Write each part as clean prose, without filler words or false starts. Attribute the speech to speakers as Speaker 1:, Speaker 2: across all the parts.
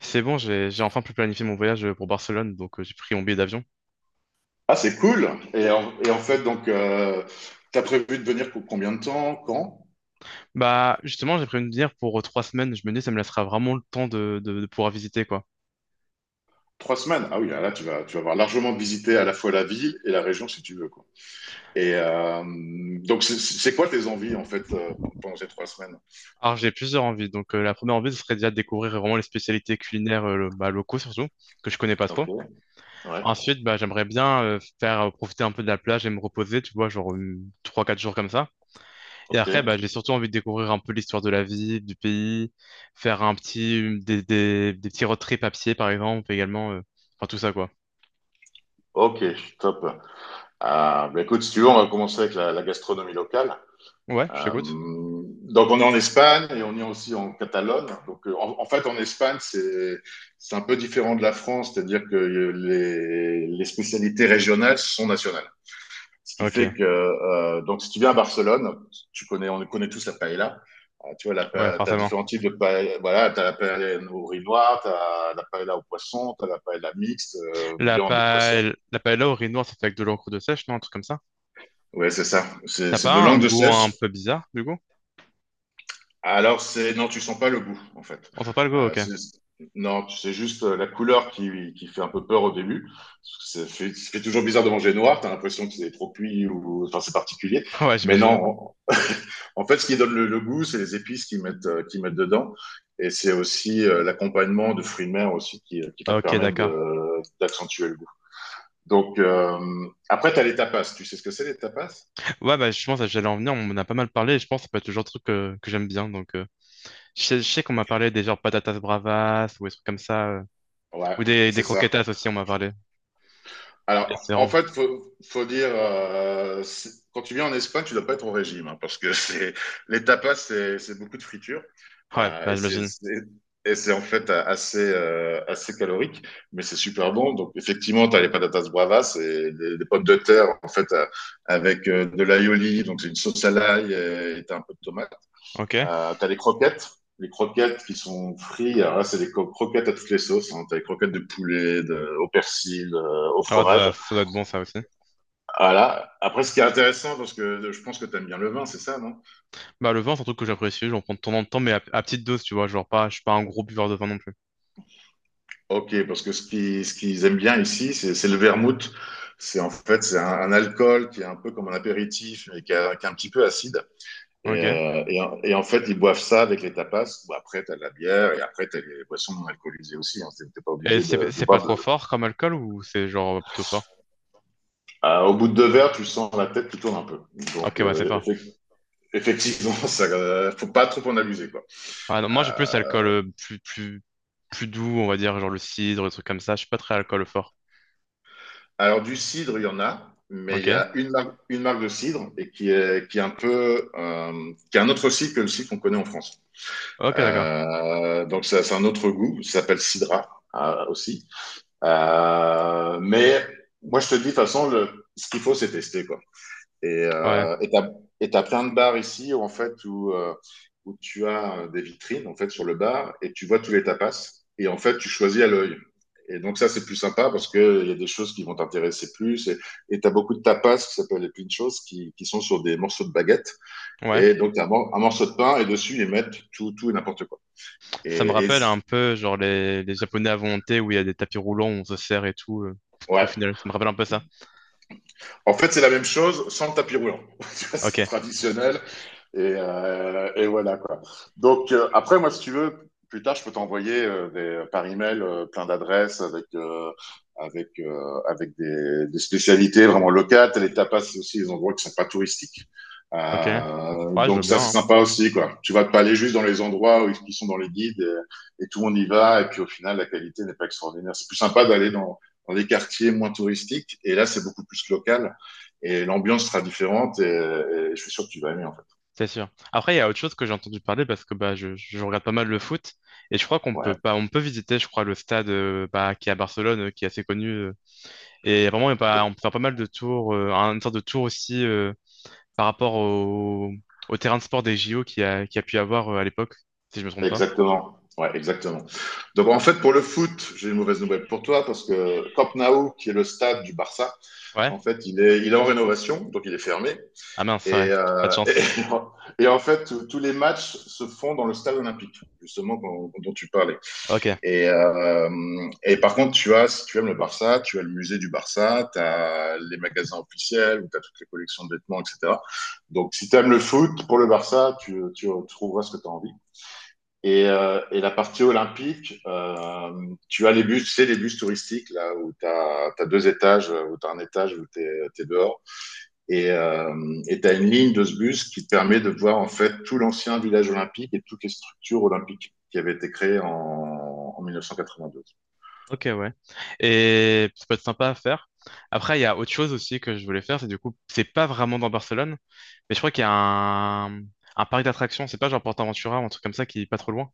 Speaker 1: C'est bon, j'ai enfin pu planifier mon voyage pour Barcelone, donc j'ai pris mon billet d'avion.
Speaker 2: Ah, c'est cool. Et en fait, donc, t'as prévu de venir pour combien de temps? Quand?
Speaker 1: Bah justement, j'ai prévu de venir pour 3 semaines. Je me dis, ça me laissera vraiment le temps de pouvoir visiter quoi.
Speaker 2: 3 semaines. Ah oui, là, là, tu vas avoir largement visité à la fois la ville et la région si tu veux, quoi. Et donc, c'est quoi tes envies en fait pendant ces 3 semaines?
Speaker 1: Alors j'ai plusieurs envies. Donc la première envie, ce serait déjà de découvrir vraiment les spécialités culinaires bah, locaux surtout que je connais pas
Speaker 2: Ok,
Speaker 1: trop.
Speaker 2: ouais,
Speaker 1: Ensuite, bah j'aimerais bien faire profiter un peu de la plage et me reposer, tu vois, genre trois quatre jours comme ça. Et après, bah
Speaker 2: ok,
Speaker 1: j'ai surtout envie de découvrir un peu l'histoire de la ville, du pays, faire un petit des petits road trips à pied par exemple également, enfin tout ça quoi.
Speaker 2: ok, top. Ah, bah écoute, si tu veux, on va commencer avec la gastronomie locale.
Speaker 1: Ouais, je t'écoute.
Speaker 2: Donc on est en Espagne et on est aussi en Catalogne. Donc en fait en Espagne c'est un peu différent de la France, c'est-à-dire que les spécialités régionales sont nationales. Ce qui
Speaker 1: Ok,
Speaker 2: fait que donc si tu viens à Barcelone, tu connais on connaît tous la paella. Tu vois,
Speaker 1: ouais,
Speaker 2: t'as
Speaker 1: forcément.
Speaker 2: différents types de paella. Voilà, t'as la paella au riz noir, t'as la paella au poisson, t'as la paella mixte,
Speaker 1: La
Speaker 2: viande au poisson.
Speaker 1: paella, la paella au riz noir, ça fait avec de l'encre de sèche, non? Un truc comme ça.
Speaker 2: Ouais, c'est ça. C'est
Speaker 1: T'as
Speaker 2: c'est
Speaker 1: pas
Speaker 2: de
Speaker 1: un
Speaker 2: langue de
Speaker 1: goût un
Speaker 2: sèche.
Speaker 1: peu bizarre, du coup?
Speaker 2: Alors, c'est non, tu sens pas le goût, en fait.
Speaker 1: On sent pas le goût,
Speaker 2: Euh,
Speaker 1: ok.
Speaker 2: c'est- non, c'est juste la couleur qui fait un peu peur au début. Ça fait toujours bizarre de manger noir, tu as l'impression que c'est trop cuit ou enfin c'est particulier.
Speaker 1: Ouais,
Speaker 2: Mais non,
Speaker 1: j'imagine.
Speaker 2: en fait, ce qui donne le goût, c'est les épices qu'ils mettent dedans. Et c'est aussi l'accompagnement de fruits de mer aussi qui va te
Speaker 1: Ok,
Speaker 2: permettre
Speaker 1: d'accord.
Speaker 2: d'accentuer le goût. Donc, après, tu as les tapas. Tu sais ce que c'est les tapas?
Speaker 1: Ouais, bah, je pense que j'allais en venir, on en a pas mal parlé, et je pense que ça peut être le genre de truc que j'aime bien, donc. Je sais qu'on m'a parlé des genres patatas bravas, ou des trucs comme ça,
Speaker 2: Ouais,
Speaker 1: ou des
Speaker 2: c'est ça.
Speaker 1: croquetas aussi, on m'a parlé. Et
Speaker 2: Alors,
Speaker 1: c'est
Speaker 2: en
Speaker 1: vraiment.
Speaker 2: fait, faut dire, quand tu viens en Espagne, tu dois pas être au régime, hein, parce que c'est les tapas, c'est beaucoup de friture,
Speaker 1: Ouais, bah,
Speaker 2: et
Speaker 1: j'imagine.
Speaker 2: et c'est en fait assez calorique, mais c'est super bon. Donc, effectivement, tu as les patatas bravas, et des pommes de terre, en fait, avec de l'aioli, donc c'est une sauce à l'ail, et t'as un peu de tomate.
Speaker 1: Ok. Ah,
Speaker 2: T'as les croquettes. Les croquettes qui sont frites, alors là, c'est croquettes à toutes les sauces. Hein. T'as les croquettes de poulet, au persil, au
Speaker 1: ouais,
Speaker 2: fromage.
Speaker 1: ça doit être bon, ça aussi.
Speaker 2: Voilà. Après, ce qui est intéressant, parce que je pense que tu aimes bien le vin, c'est ça, non?
Speaker 1: Bah, le vin, c'est un truc que j'apprécie, j'en prends de temps en temps, mais à petite dose, tu vois, genre pas... Je suis pas un gros buveur de vin non plus.
Speaker 2: Ok, parce que ce qu'ils aiment bien ici, c'est le vermouth. C'est en fait c'est un alcool qui est un peu comme un apéritif, mais qui est un petit peu acide. Et,
Speaker 1: Ok.
Speaker 2: et en fait, ils boivent ça avec les tapas. Bon, après, tu as la bière et après, tu as les boissons non alcoolisées aussi. Hein. T'es pas
Speaker 1: Et
Speaker 2: obligé
Speaker 1: c'est
Speaker 2: de
Speaker 1: c'est pas
Speaker 2: boire.
Speaker 1: trop fort comme alcool ou c'est genre plutôt fort?
Speaker 2: Au bout de deux verres, tu sens la tête qui tourne un peu. Donc,
Speaker 1: Ok, ouais, c'est fort.
Speaker 2: effectivement, ça, faut pas trop en abuser, quoi.
Speaker 1: Ah non, moi j'ai plus alcool plus doux, on va dire, genre le cidre, des trucs comme ça. Je suis pas très alcool fort.
Speaker 2: Alors, du cidre, il y en a, mais il
Speaker 1: Ok?
Speaker 2: y a une marque de cidre et qui est un peu, qui est un autre cidre que le cidre qu'on connaît en France.
Speaker 1: Ok, d'accord.
Speaker 2: Donc, ça, c'est un autre goût, ça s'appelle Cidra aussi. Mais moi, je te dis, de toute façon, ce qu'il faut, c'est tester, quoi.
Speaker 1: Ouais,
Speaker 2: Et et t'as plein de bars ici où, en fait, où tu as des vitrines, en fait, sur le bar et tu vois tous les tapas. Et en fait, tu choisis à l'œil. Et donc, ça, c'est plus sympa parce que il y a des choses qui vont t'intéresser plus. Et t'as beaucoup de tapas qui s'appellent les pinchos qui sont sur des morceaux de baguette.
Speaker 1: ouais.
Speaker 2: Et donc, t'as un morceau de pain et dessus, ils mettent tout et n'importe quoi.
Speaker 1: Ça me
Speaker 2: Et, et
Speaker 1: rappelle
Speaker 2: c-
Speaker 1: un peu, genre, les Japonais à volonté où il y a des tapis roulants, on se sert et tout. Au
Speaker 2: ouais.
Speaker 1: final, ça me rappelle un peu ça.
Speaker 2: En fait, c'est la même chose sans le tapis roulant. Tu vois,
Speaker 1: Ok,
Speaker 2: c'est traditionnel. Et voilà quoi. Donc après, moi, si tu veux, plus tard, je peux t'envoyer par email plein d'adresses des spécialités vraiment locales. Les tapas c'est aussi, des endroits qui sont pas touristiques.
Speaker 1: ok. Ouais, je veux
Speaker 2: Donc ça, c'est
Speaker 1: bien. Hein.
Speaker 2: sympa aussi quoi. Tu vas pas aller juste dans les endroits où ils qui sont dans les guides et tout le monde y va et puis au final, la qualité n'est pas extraordinaire. C'est plus sympa d'aller dans les quartiers moins touristiques et là, c'est beaucoup plus local et l'ambiance sera différente et je suis sûr que tu vas aimer en fait.
Speaker 1: C'est sûr. Après, il y a autre chose que j'ai entendu parler parce que bah, je regarde pas mal le foot et je crois qu'on
Speaker 2: Ouais.
Speaker 1: peut pas, on peut visiter, je crois, le stade bah, qui est à Barcelone, qui est assez connu. Et vraiment, il y a pas- on peut faire pas mal de tours, une sorte de tour aussi par rapport au terrain de sport des JO qu'il a pu y avoir à l'époque, si je me trompe pas.
Speaker 2: Exactement. Ouais, exactement. Donc en fait, pour le foot, j'ai une mauvaise nouvelle pour toi parce que Camp Nou, qui est le stade du Barça,
Speaker 1: Ouais?
Speaker 2: en fait, il est en rénovation, donc il est fermé.
Speaker 1: Ah mince,
Speaker 2: Et,
Speaker 1: ouais. Pas de
Speaker 2: euh,
Speaker 1: chance.
Speaker 2: et en fait, tous les matchs se font dans le stade olympique, justement dont tu parlais.
Speaker 1: Ok.
Speaker 2: Et, euh, et par contre, tu as, si tu aimes le Barça, tu as le musée du Barça, tu as les magasins officiels, où tu as toutes les collections de vêtements, etc. Donc si tu aimes le foot, pour le Barça, tu trouveras ce que tu as envie. Et la partie olympique, tu as les bus, c'est sais, les bus touristiques, là, où tu as, deux étages, où tu as un étage où tu es, dehors. Et euh, Tu as une ligne de ce bus qui te permet de voir, en fait, tout l'ancien village olympique et toutes les structures olympiques qui avaient été créées en 1992.
Speaker 1: Ok, ouais. Et ça peut être sympa à faire. Après, il y a autre chose aussi que je voulais faire, c'est du coup, c'est pas vraiment dans Barcelone, mais je crois qu'il y a un parc d'attractions, c'est pas genre PortAventura ou un truc comme ça qui est pas trop loin.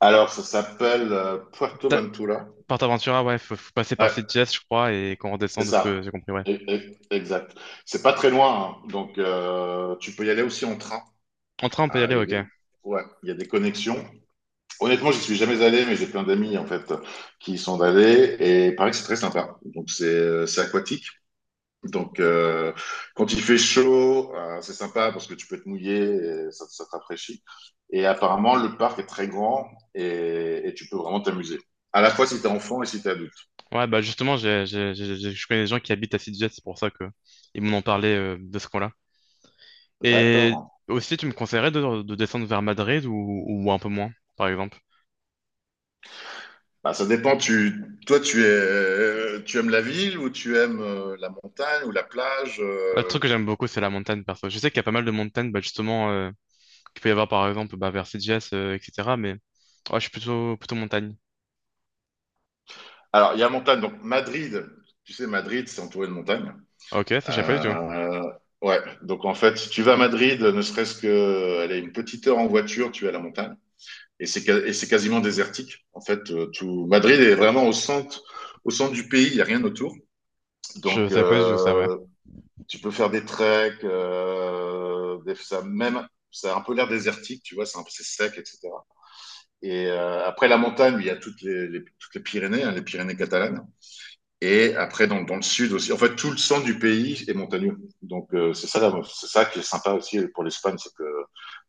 Speaker 2: Alors, ça s'appelle Puerto
Speaker 1: Ta-
Speaker 2: Ventura.
Speaker 1: PortAventura, ouais, faut passer par
Speaker 2: Ouais,
Speaker 1: Sitges, je crois, et qu'on
Speaker 2: c'est
Speaker 1: redescend de ce que
Speaker 2: ça.
Speaker 1: j'ai compris, ouais.
Speaker 2: Exact. C'est pas très loin, hein. Donc tu peux y aller aussi en train.
Speaker 1: En train, on peut y
Speaker 2: Ah,
Speaker 1: aller,
Speaker 2: il y a
Speaker 1: ok.
Speaker 2: des... Ouais, il y a des connexions. Honnêtement, j'y suis jamais allé, mais j'ai plein d'amis en fait qui y sont allés et il paraît que c'est très sympa. Donc c'est aquatique. Donc quand il fait chaud, c'est sympa parce que tu peux te mouiller, et ça te rafraîchit. Et apparemment, le parc est très grand et tu peux vraiment t'amuser. À la fois si t'es enfant et si t'es adulte.
Speaker 1: Ouais, bah justement, je connais des gens qui habitent à Sitges, c'est pour ça que ils m'en ont parlé de ce coin-là. Et
Speaker 2: D'accord.
Speaker 1: aussi, tu me conseillerais de descendre vers Madrid ou un peu moins, par exemple?
Speaker 2: Bah, ça dépend. Toi, tu aimes la ville ou tu aimes la montagne ou la plage.
Speaker 1: Un truc que j'aime beaucoup, c'est la montagne, perso. Je sais qu'il y a pas mal de montagnes, bah, justement, qu'il peut y avoir, par exemple, bah, vers CGS, etc. Mais ouais, je suis plutôt montagne.
Speaker 2: Alors, il y a montagne. Donc Madrid, tu sais, Madrid, c'est entouré de montagnes.
Speaker 1: Ok, ça, je savais pas du tout.
Speaker 2: Euh, ouais, donc en fait, tu vas à Madrid, ne serait-ce que aller une petite heure en voiture, tu es à la montagne. Et c'est quasiment désertique. En fait, tout Madrid est vraiment au centre du pays, il n'y a rien autour.
Speaker 1: Je
Speaker 2: Donc,
Speaker 1: savais pas du tout ça, ouais.
Speaker 2: tu peux faire des treks, ça, même, ça a un peu l'air désertique, tu vois, c'est un peu c'est sec, etc. Après la montagne, il y a toutes toutes les Pyrénées, hein, les Pyrénées catalanes. Et après, dans le sud aussi. En fait, tout le centre du pays est montagneux. Donc, c'est ça qui est sympa aussi pour l'Espagne, c'est que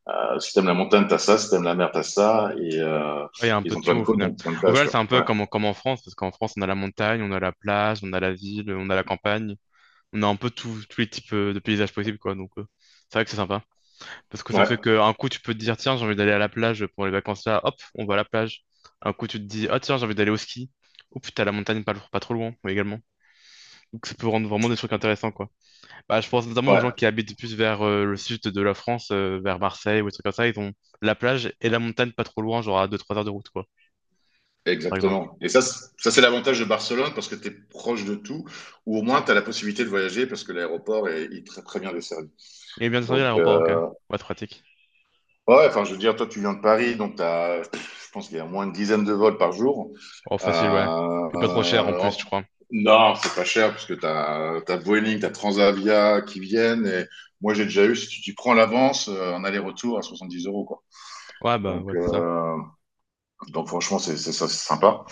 Speaker 2: si t'aimes la montagne, t'as ça. Si t'aimes la mer, t'as ça.
Speaker 1: Ouais, il y a un peu
Speaker 2: Ils
Speaker 1: de
Speaker 2: ont
Speaker 1: tout,
Speaker 2: plein de
Speaker 1: au
Speaker 2: côtes,
Speaker 1: final.
Speaker 2: donc plein de
Speaker 1: Au
Speaker 2: plages,
Speaker 1: final,
Speaker 2: quoi.
Speaker 1: c'est un peu
Speaker 2: Ouais,
Speaker 1: comme, comme en France, parce qu'en France, on a la montagne, on a la plage, on a la ville, on a la campagne. On a un peu tous les types de paysages possibles, quoi. Donc, c'est vrai que c'est sympa. Parce que ça
Speaker 2: ouais,
Speaker 1: fait qu'un coup, tu peux te dire, tiens, j'ai envie d'aller à la plage pour les vacances là, hop, on va à la plage. Un coup, tu te dis, ah, tiens, j'ai envie d'aller au ski. Ou putain, la montagne pas trop loin, oui, également. Donc, ça peut rendre vraiment des trucs intéressants, quoi. Bah, je pense notamment aux
Speaker 2: ouais,
Speaker 1: gens qui habitent plus vers le sud de la France, vers Marseille ou des trucs comme ça. Ils ont la plage et la montagne pas trop loin, genre à deux trois heures de route, quoi, par exemple.
Speaker 2: exactement. Ça c'est l'avantage de Barcelone parce que t'es proche de tout, ou au moins t'as la possibilité de voyager parce que il est très très bien desservi.
Speaker 1: Et bien descendu à
Speaker 2: Donc,
Speaker 1: l'aéroport, ok. Ouais, c'est pratique.
Speaker 2: ouais, ouais, enfin, je veux dire, toi, tu viens de Paris, donc t'as, je pense qu'il y a moins une dizaine de vols par jour.
Speaker 1: Oh,
Speaker 2: Euh,
Speaker 1: facile, ouais. Et pas trop cher en
Speaker 2: euh,
Speaker 1: plus, je
Speaker 2: en-
Speaker 1: crois.
Speaker 2: non, c'est pas cher, parce que t'as Vueling, t'as Transavia qui viennent, et moi, j'ai déjà eu, si tu prends l'avance, en aller-retour à 70 euros, quoi.
Speaker 1: Ouais, bah,
Speaker 2: Donc,
Speaker 1: ouais, c'est ça.
Speaker 2: euh, donc franchement, c'est ça, c'est sympa.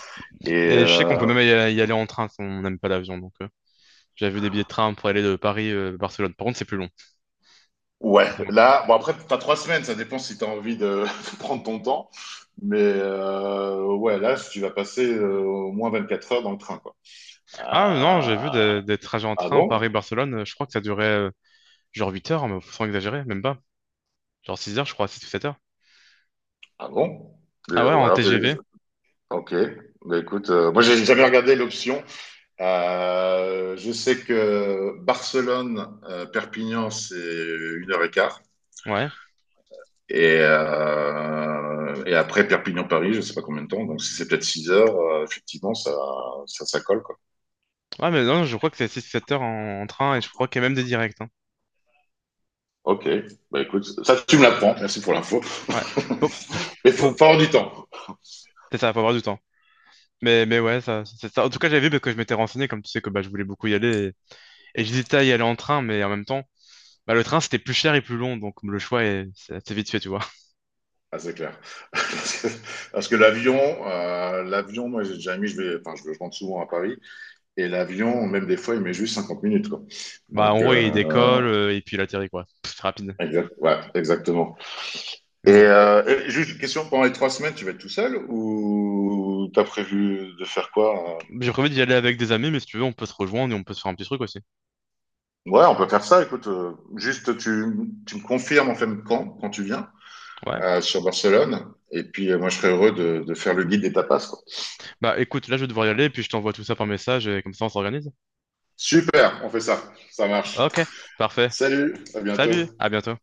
Speaker 2: Et
Speaker 1: Et je sais qu'on
Speaker 2: euh,
Speaker 1: peut même y aller en train si on n'aime pas l'avion. Donc, j'avais vu des billets de train pour aller de Paris à Barcelone. Par contre, c'est plus long.
Speaker 2: ouais,
Speaker 1: Forcément.
Speaker 2: là, bon, après, t'as 3 semaines, ça dépend si t'as envie de prendre ton temps. Ouais, là, si tu vas passer au moins 24 heures dans le train, quoi. Euh,
Speaker 1: Ah non, j'ai vu des trajets en
Speaker 2: Ah
Speaker 1: train
Speaker 2: bon?
Speaker 1: Paris-Barcelone. Je crois que ça durait genre 8 heures, hein, mais sans exagérer, même pas. Genre 6 heures, je crois, six ou 7 heures.
Speaker 2: Ah bon?
Speaker 1: Ah ouais,
Speaker 2: Euh, ou
Speaker 1: en
Speaker 2: alors, je-
Speaker 1: TGV.
Speaker 2: ok. Bah, écoute, moi, j'ai jamais regardé l'option. Je sais que Barcelone, Perpignan, c'est 1 heure et quart.
Speaker 1: Ouais.
Speaker 2: Et après Perpignan-Paris, je sais pas combien de temps. Donc, si c'est peut-être 6 heures, effectivement, ça colle, quoi.
Speaker 1: Ouais, mais non, je crois que c'est 6 7 heures en train et je crois qu'il y a même des directs. Hein.
Speaker 2: Ok. Bah, écoute, ça, tu me l'apprends. Merci pour l'info.
Speaker 1: Ouais. Bon,
Speaker 2: Mais
Speaker 1: pour...
Speaker 2: faut avoir du temps.
Speaker 1: C'est ça, faut avoir du temps. Mais ouais, ça, c'est ça. En tout cas, j'avais vu parce que je m'étais renseigné, comme tu sais que bah, je voulais beaucoup y aller. Et j'hésitais à y aller en train, mais en même temps. Bah, le train, c'était plus cher et plus long, donc le choix est c'est assez vite fait, tu vois.
Speaker 2: Ah, c'est clair. Parce que, Parce que l'avion, moi j'ai déjà mis, enfin, je rentre souvent à Paris, et l'avion, même des fois, il met juste 50 minutes, quoi.
Speaker 1: Bah, en
Speaker 2: Donc,
Speaker 1: gros, il décolle et puis il atterrit, quoi. C'est rapide.
Speaker 2: ouais, exactement.
Speaker 1: Mais bon.
Speaker 2: Et juste une question, pendant les 3 semaines, tu vas être tout seul ou t'as prévu de faire quoi?
Speaker 1: J'ai prévu d'y aller avec des amis, mais si tu veux, on peut se rejoindre et on peut se faire un petit truc aussi.
Speaker 2: Ouais, on peut faire ça, écoute. Juste, tu me confirmes en fait quand tu viens
Speaker 1: Ouais.
Speaker 2: sur Barcelone, et puis moi je serais heureux de faire le guide des tapas, quoi.
Speaker 1: Bah, écoute, là, je vais devoir y aller, puis je t'envoie tout ça par message et comme ça, on s'organise.
Speaker 2: Super, on fait ça. Ça marche.
Speaker 1: Ok, parfait.
Speaker 2: Salut, à bientôt.
Speaker 1: Salut, à bientôt.